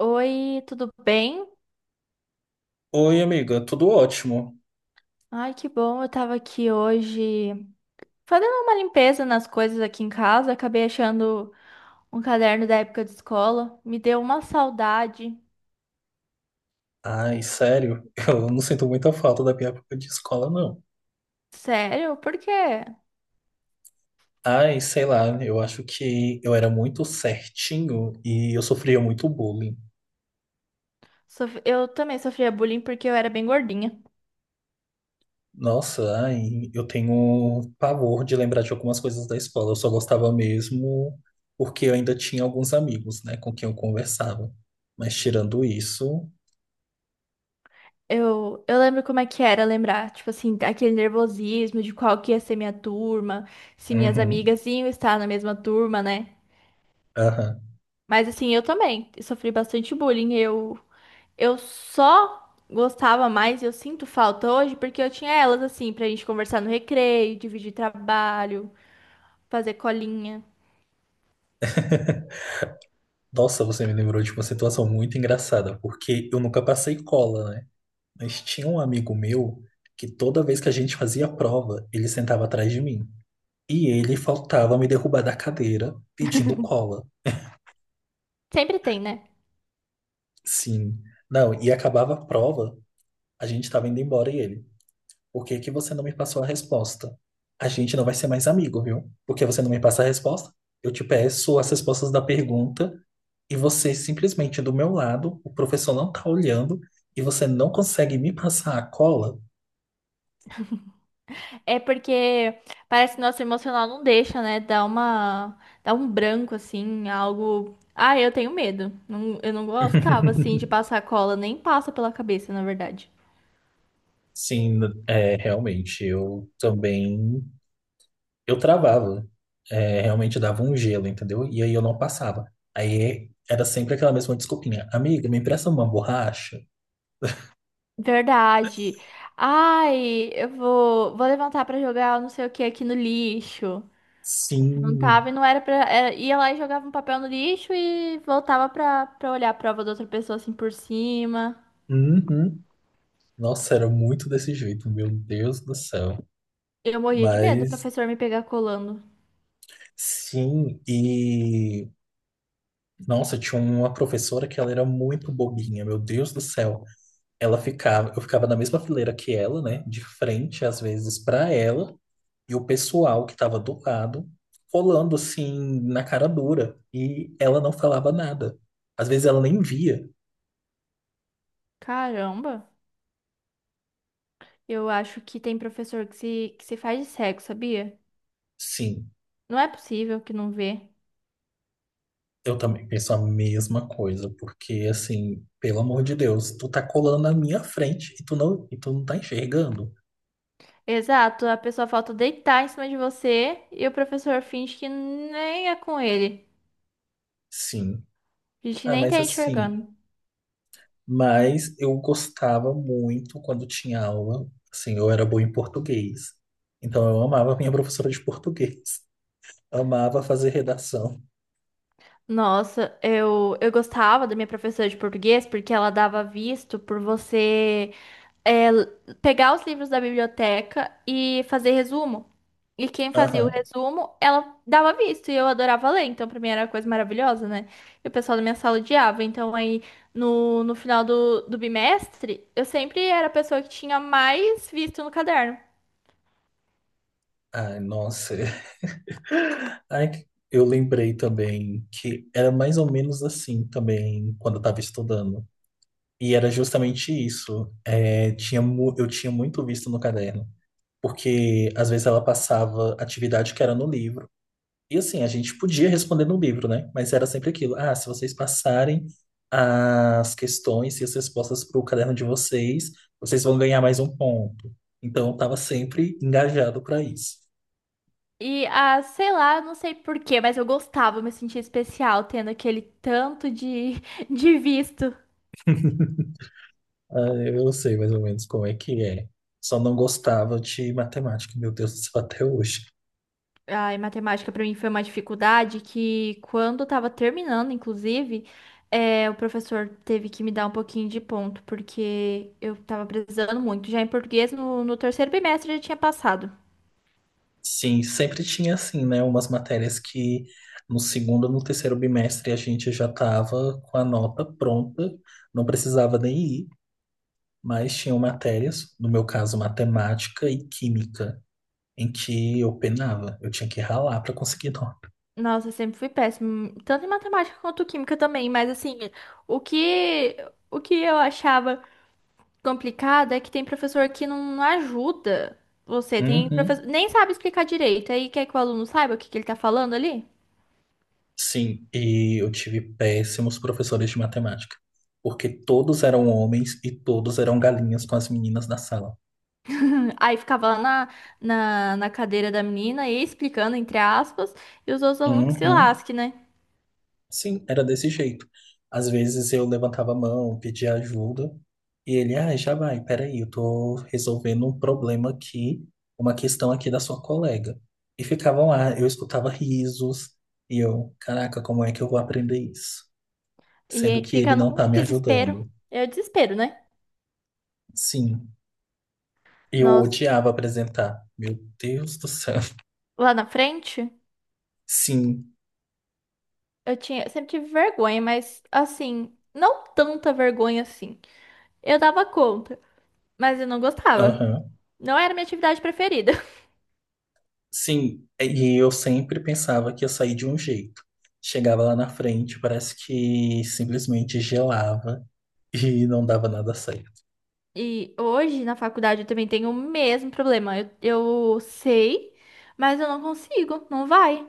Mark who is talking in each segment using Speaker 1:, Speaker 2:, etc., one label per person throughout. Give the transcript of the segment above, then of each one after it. Speaker 1: Oi, tudo bem?
Speaker 2: Oi, amiga, tudo ótimo.
Speaker 1: Ai, que bom, eu tava aqui hoje fazendo uma limpeza nas coisas aqui em casa, acabei achando um caderno da época de escola, me deu uma saudade.
Speaker 2: Ai, sério, eu não sinto muita falta da minha época de escola, não.
Speaker 1: Sério? Por quê?
Speaker 2: Ai, sei lá, eu acho que eu era muito certinho e eu sofria muito bullying.
Speaker 1: Eu também sofria bullying porque eu era bem gordinha.
Speaker 2: Nossa, ai, eu tenho pavor de lembrar de algumas coisas da escola. Eu só gostava mesmo porque eu ainda tinha alguns amigos, né, com quem eu conversava. Mas tirando isso,
Speaker 1: Eu lembro como é que era lembrar, tipo assim, aquele nervosismo de qual que ia ser minha turma, se minhas
Speaker 2: uhum,
Speaker 1: amigas iam estar na mesma turma, né?
Speaker 2: aham.
Speaker 1: Mas assim, eu também sofri bastante bullying. Eu só gostava mais, e eu sinto falta hoje, porque eu tinha elas assim, pra gente conversar no recreio, dividir trabalho, fazer colinha.
Speaker 2: Nossa, você me lembrou de uma situação muito engraçada, porque eu nunca passei cola, né? Mas tinha um amigo meu que toda vez que a gente fazia prova, ele sentava atrás de mim. E ele faltava me derrubar da cadeira pedindo cola.
Speaker 1: Sempre tem, né?
Speaker 2: Sim. Não, e acabava a prova, a gente tava indo embora e ele. Por que que você não me passou a resposta? A gente não vai ser mais amigo, viu? Porque você não me passa a resposta? Eu te peço as respostas da pergunta e você simplesmente do meu lado, o professor não tá olhando e você não consegue me passar a cola?
Speaker 1: É porque parece que nosso emocional não deixa, né? Dá um branco assim, algo. Ah, eu tenho medo. Eu não gostava assim de passar cola, nem passa pela cabeça, na verdade.
Speaker 2: Sim, é, realmente, eu também, eu travava. É, realmente dava um gelo, entendeu? E aí eu não passava. Aí era sempre aquela mesma desculpinha, amiga, me empresta uma borracha?
Speaker 1: Verdade. Ai, vou levantar pra jogar não sei o que aqui no lixo. Não
Speaker 2: Sim,
Speaker 1: tava e não era pra. Era- ia lá e jogava um papel no lixo e voltava pra olhar a prova da outra pessoa assim por cima.
Speaker 2: uhum. Nossa, era muito desse jeito, meu Deus do céu.
Speaker 1: Eu morria de medo do
Speaker 2: Mas,
Speaker 1: professor me pegar colando.
Speaker 2: sim, e, nossa, tinha uma professora que ela era muito bobinha, meu Deus do céu. Eu ficava na mesma fileira que ela, né? De frente, às vezes, para ela, e o pessoal que estava do lado, colando assim, na cara dura. E ela não falava nada. Às vezes ela nem via.
Speaker 1: Caramba, eu acho que tem professor que se faz de cego, sabia?
Speaker 2: Sim,
Speaker 1: Não é possível que não vê.
Speaker 2: eu também penso a mesma coisa, porque assim, pelo amor de Deus, tu tá colando na minha frente e tu não tá enxergando.
Speaker 1: Exato, a pessoa falta deitar em cima de você e o professor finge que nem é com ele.
Speaker 2: Sim.
Speaker 1: A gente
Speaker 2: Ah,
Speaker 1: nem
Speaker 2: mas
Speaker 1: tá
Speaker 2: assim,
Speaker 1: enxergando.
Speaker 2: Mas eu gostava muito quando tinha aula. Assim, eu era bom em português. Então eu amava a minha professora de português. Amava fazer redação.
Speaker 1: Nossa, eu gostava da minha professora de português porque ela dava visto por você. É, pegar os livros da biblioteca e fazer resumo. E quem fazia o
Speaker 2: Aham.
Speaker 1: resumo, ela dava visto e eu adorava ler, então pra mim era uma coisa maravilhosa, né? E o pessoal da minha sala odiava. Então aí no final do bimestre, eu sempre era a pessoa que tinha mais visto no caderno.
Speaker 2: Ai, nossa. Eu lembrei também que era mais ou menos assim também quando eu estava estudando. E era justamente isso. Eu tinha muito visto no caderno. Porque às vezes ela passava atividade que era no livro. E assim, a gente podia responder no livro, né? Mas era sempre aquilo. Ah, se vocês passarem as questões e as respostas para o caderno de vocês, vocês vão ganhar mais um ponto. Então, eu estava sempre engajado para isso.
Speaker 1: E ah, sei lá, não sei por quê, mas eu gostava, eu me sentia especial tendo aquele tanto de, de visto.
Speaker 2: Ah, eu sei mais ou menos como é que é. Só não gostava de matemática, meu Deus do céu, até hoje.
Speaker 1: Ai, matemática para mim foi uma dificuldade que, quando eu tava terminando, inclusive, é, o professor teve que me dar um pouquinho de ponto, porque eu tava precisando muito. Já em português, no terceiro bimestre, eu já tinha passado.
Speaker 2: Sim, sempre tinha assim, né? Umas matérias que no terceiro bimestre a gente já estava com a nota pronta, não precisava nem ir. Mas tinham matérias, no meu caso, matemática e química, em que eu penava, eu tinha que ralar para conseguir nota.
Speaker 1: Nossa, eu sempre fui péssimo, tanto em matemática quanto química também, mas assim, o que, o que eu achava complicado é que tem professor que não ajuda você, tem
Speaker 2: Uhum.
Speaker 1: professor, nem sabe explicar direito, aí quer que o aluno saiba o que que ele tá falando ali?
Speaker 2: Sim, e eu tive péssimos professores de matemática, porque todos eram homens e todos eram galinhas com as meninas da sala.
Speaker 1: Aí ficava lá na cadeira da menina e explicando, entre aspas, e os outros alunos que se
Speaker 2: Uhum.
Speaker 1: lasquem, né?
Speaker 2: Sim, era desse jeito. Às vezes eu levantava a mão, pedia ajuda, e ele, ah, já vai, peraí, eu tô resolvendo um problema aqui, uma questão aqui da sua colega. E ficavam lá, eu escutava risos, e eu, caraca, como é que eu vou aprender isso?
Speaker 1: E
Speaker 2: Sendo
Speaker 1: aí
Speaker 2: que ele
Speaker 1: fica
Speaker 2: não tá
Speaker 1: num
Speaker 2: me
Speaker 1: desespero.
Speaker 2: ajudando.
Speaker 1: É desespero, né?
Speaker 2: Sim, eu
Speaker 1: Nossa.
Speaker 2: odiava apresentar. Meu Deus do céu.
Speaker 1: Lá na frente,
Speaker 2: Sim,
Speaker 1: eu tinha, sempre tive vergonha, mas assim, não tanta vergonha assim. Eu dava conta, mas eu não gostava.
Speaker 2: aham.
Speaker 1: Não era minha atividade preferida.
Speaker 2: E eu sempre pensava que ia sair de um jeito. Chegava lá na frente, parece que simplesmente gelava e não dava nada certo.
Speaker 1: E hoje, na faculdade, eu também tenho o mesmo problema. Eu sei, mas eu não consigo, não vai.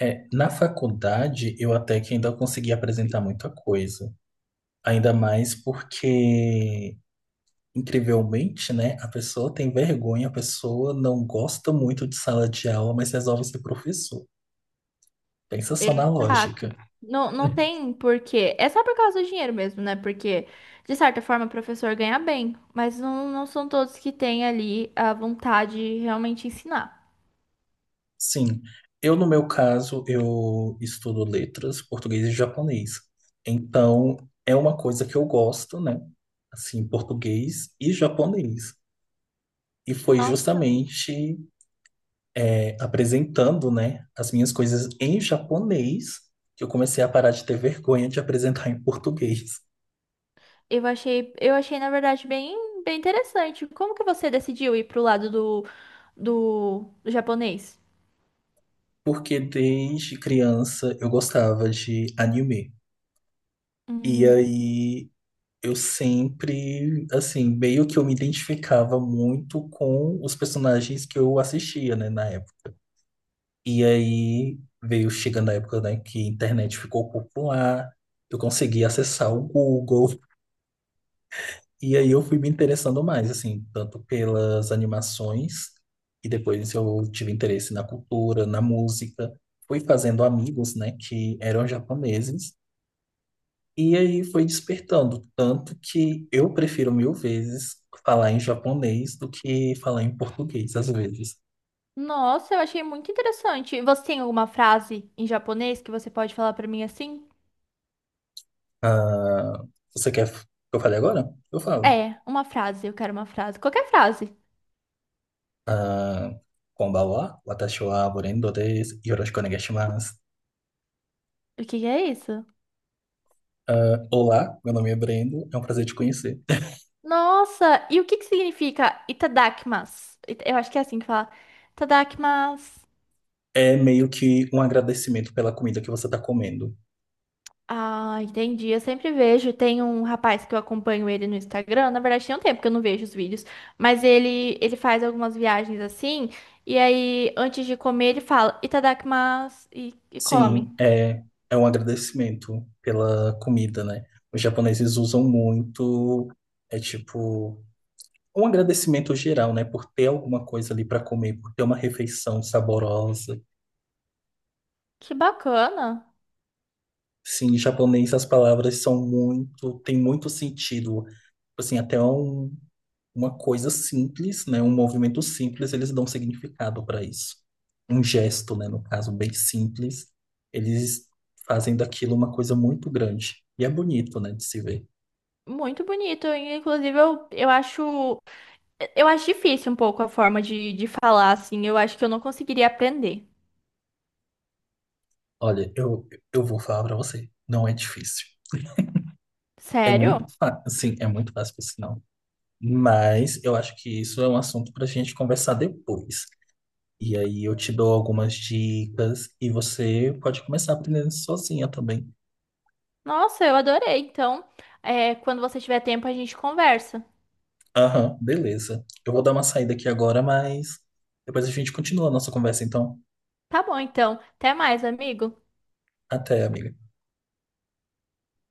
Speaker 2: É, na faculdade, eu até que ainda consegui apresentar muita coisa. Ainda mais porque, incrivelmente, né, a pessoa tem vergonha, a pessoa não gosta muito de sala de aula, mas resolve ser professor. Pensa só na lógica.
Speaker 1: Exato. Não tem porquê. É só por causa do dinheiro mesmo, né? Porque, de certa forma, o professor ganha bem, mas não são todos que têm ali a vontade de realmente ensinar.
Speaker 2: Sim, eu No meu caso, eu estudo letras, português e japonês. Então, é uma coisa que eu gosto, né? Assim, português e japonês. E foi
Speaker 1: Nossa,
Speaker 2: justamente Apresentando, né, as minhas coisas em japonês que eu comecei a parar de ter vergonha de apresentar em português.
Speaker 1: eu achei, na verdade, bem interessante. Como que você decidiu ir pro lado do japonês?
Speaker 2: Porque desde criança eu gostava de anime. E
Speaker 1: Hum,
Speaker 2: aí eu sempre, assim, meio que eu me identificava muito com os personagens que eu assistia, né, na época. E aí veio chegando a época, né, que a internet ficou popular, eu consegui acessar o Google, e aí eu fui me interessando mais, assim, tanto pelas animações, e depois eu tive interesse na cultura, na música. Fui fazendo amigos, né, que eram japoneses. E aí foi despertando, tanto que eu prefiro 1000 vezes falar em japonês do que falar em português, às vezes.
Speaker 1: nossa, eu achei muito interessante. Você tem alguma frase em japonês que você pode falar pra mim assim?
Speaker 2: Ah, você quer que eu fale agora? Eu falo.
Speaker 1: É, uma frase, eu quero uma frase. Qualquer frase.
Speaker 2: Ah, konbanwa, watashi wa Brendo desu, yoroshiku onegai shimasu.
Speaker 1: O que que é isso?
Speaker 2: Ah, olá, meu nome é Brendo, é um prazer te conhecer.
Speaker 1: Nossa, e o que que significa itadakimasu? Eu acho que é assim que fala. Itadakimasu.
Speaker 2: É meio que um agradecimento pela comida que você está comendo.
Speaker 1: Ah, entendi. Eu sempre vejo. Tem um rapaz que eu acompanho ele no Instagram. Na verdade, tem um tempo que eu não vejo os vídeos. Mas ele faz algumas viagens assim. E aí, antes de comer, ele fala itadakimasu e come.
Speaker 2: Sim, é, É um agradecimento pela comida, né? Os japoneses usam muito, é tipo um agradecimento geral, né, por ter alguma coisa ali para comer, por ter uma refeição saborosa.
Speaker 1: Que bacana.
Speaker 2: Sim, em japonês as palavras são muito, tem muito sentido. Tipo assim, uma coisa simples, né, um movimento simples, eles dão significado para isso. Um gesto, né, no caso, bem simples, eles fazem daquilo uma coisa muito grande. E é bonito, né, de se ver.
Speaker 1: Muito bonito. E, inclusive, eu acho. Eu acho difícil um pouco a forma de falar assim. Eu acho que eu não conseguiria aprender.
Speaker 2: Olha, eu, eu vou falar para você, não é difícil. É muito
Speaker 1: Sério?
Speaker 2: fácil, sim, é muito fácil, por sinal. Mas eu acho que isso é um assunto para a gente conversar depois. E aí eu te dou algumas dicas e você pode começar aprendendo sozinha também.
Speaker 1: Nossa, eu adorei. Então, é, quando você tiver tempo, a gente conversa.
Speaker 2: Aham, beleza. Eu vou dar uma saída aqui agora, mas depois a gente continua a nossa conversa, então.
Speaker 1: Tá bom, então. Até mais, amigo.
Speaker 2: Até, amiga.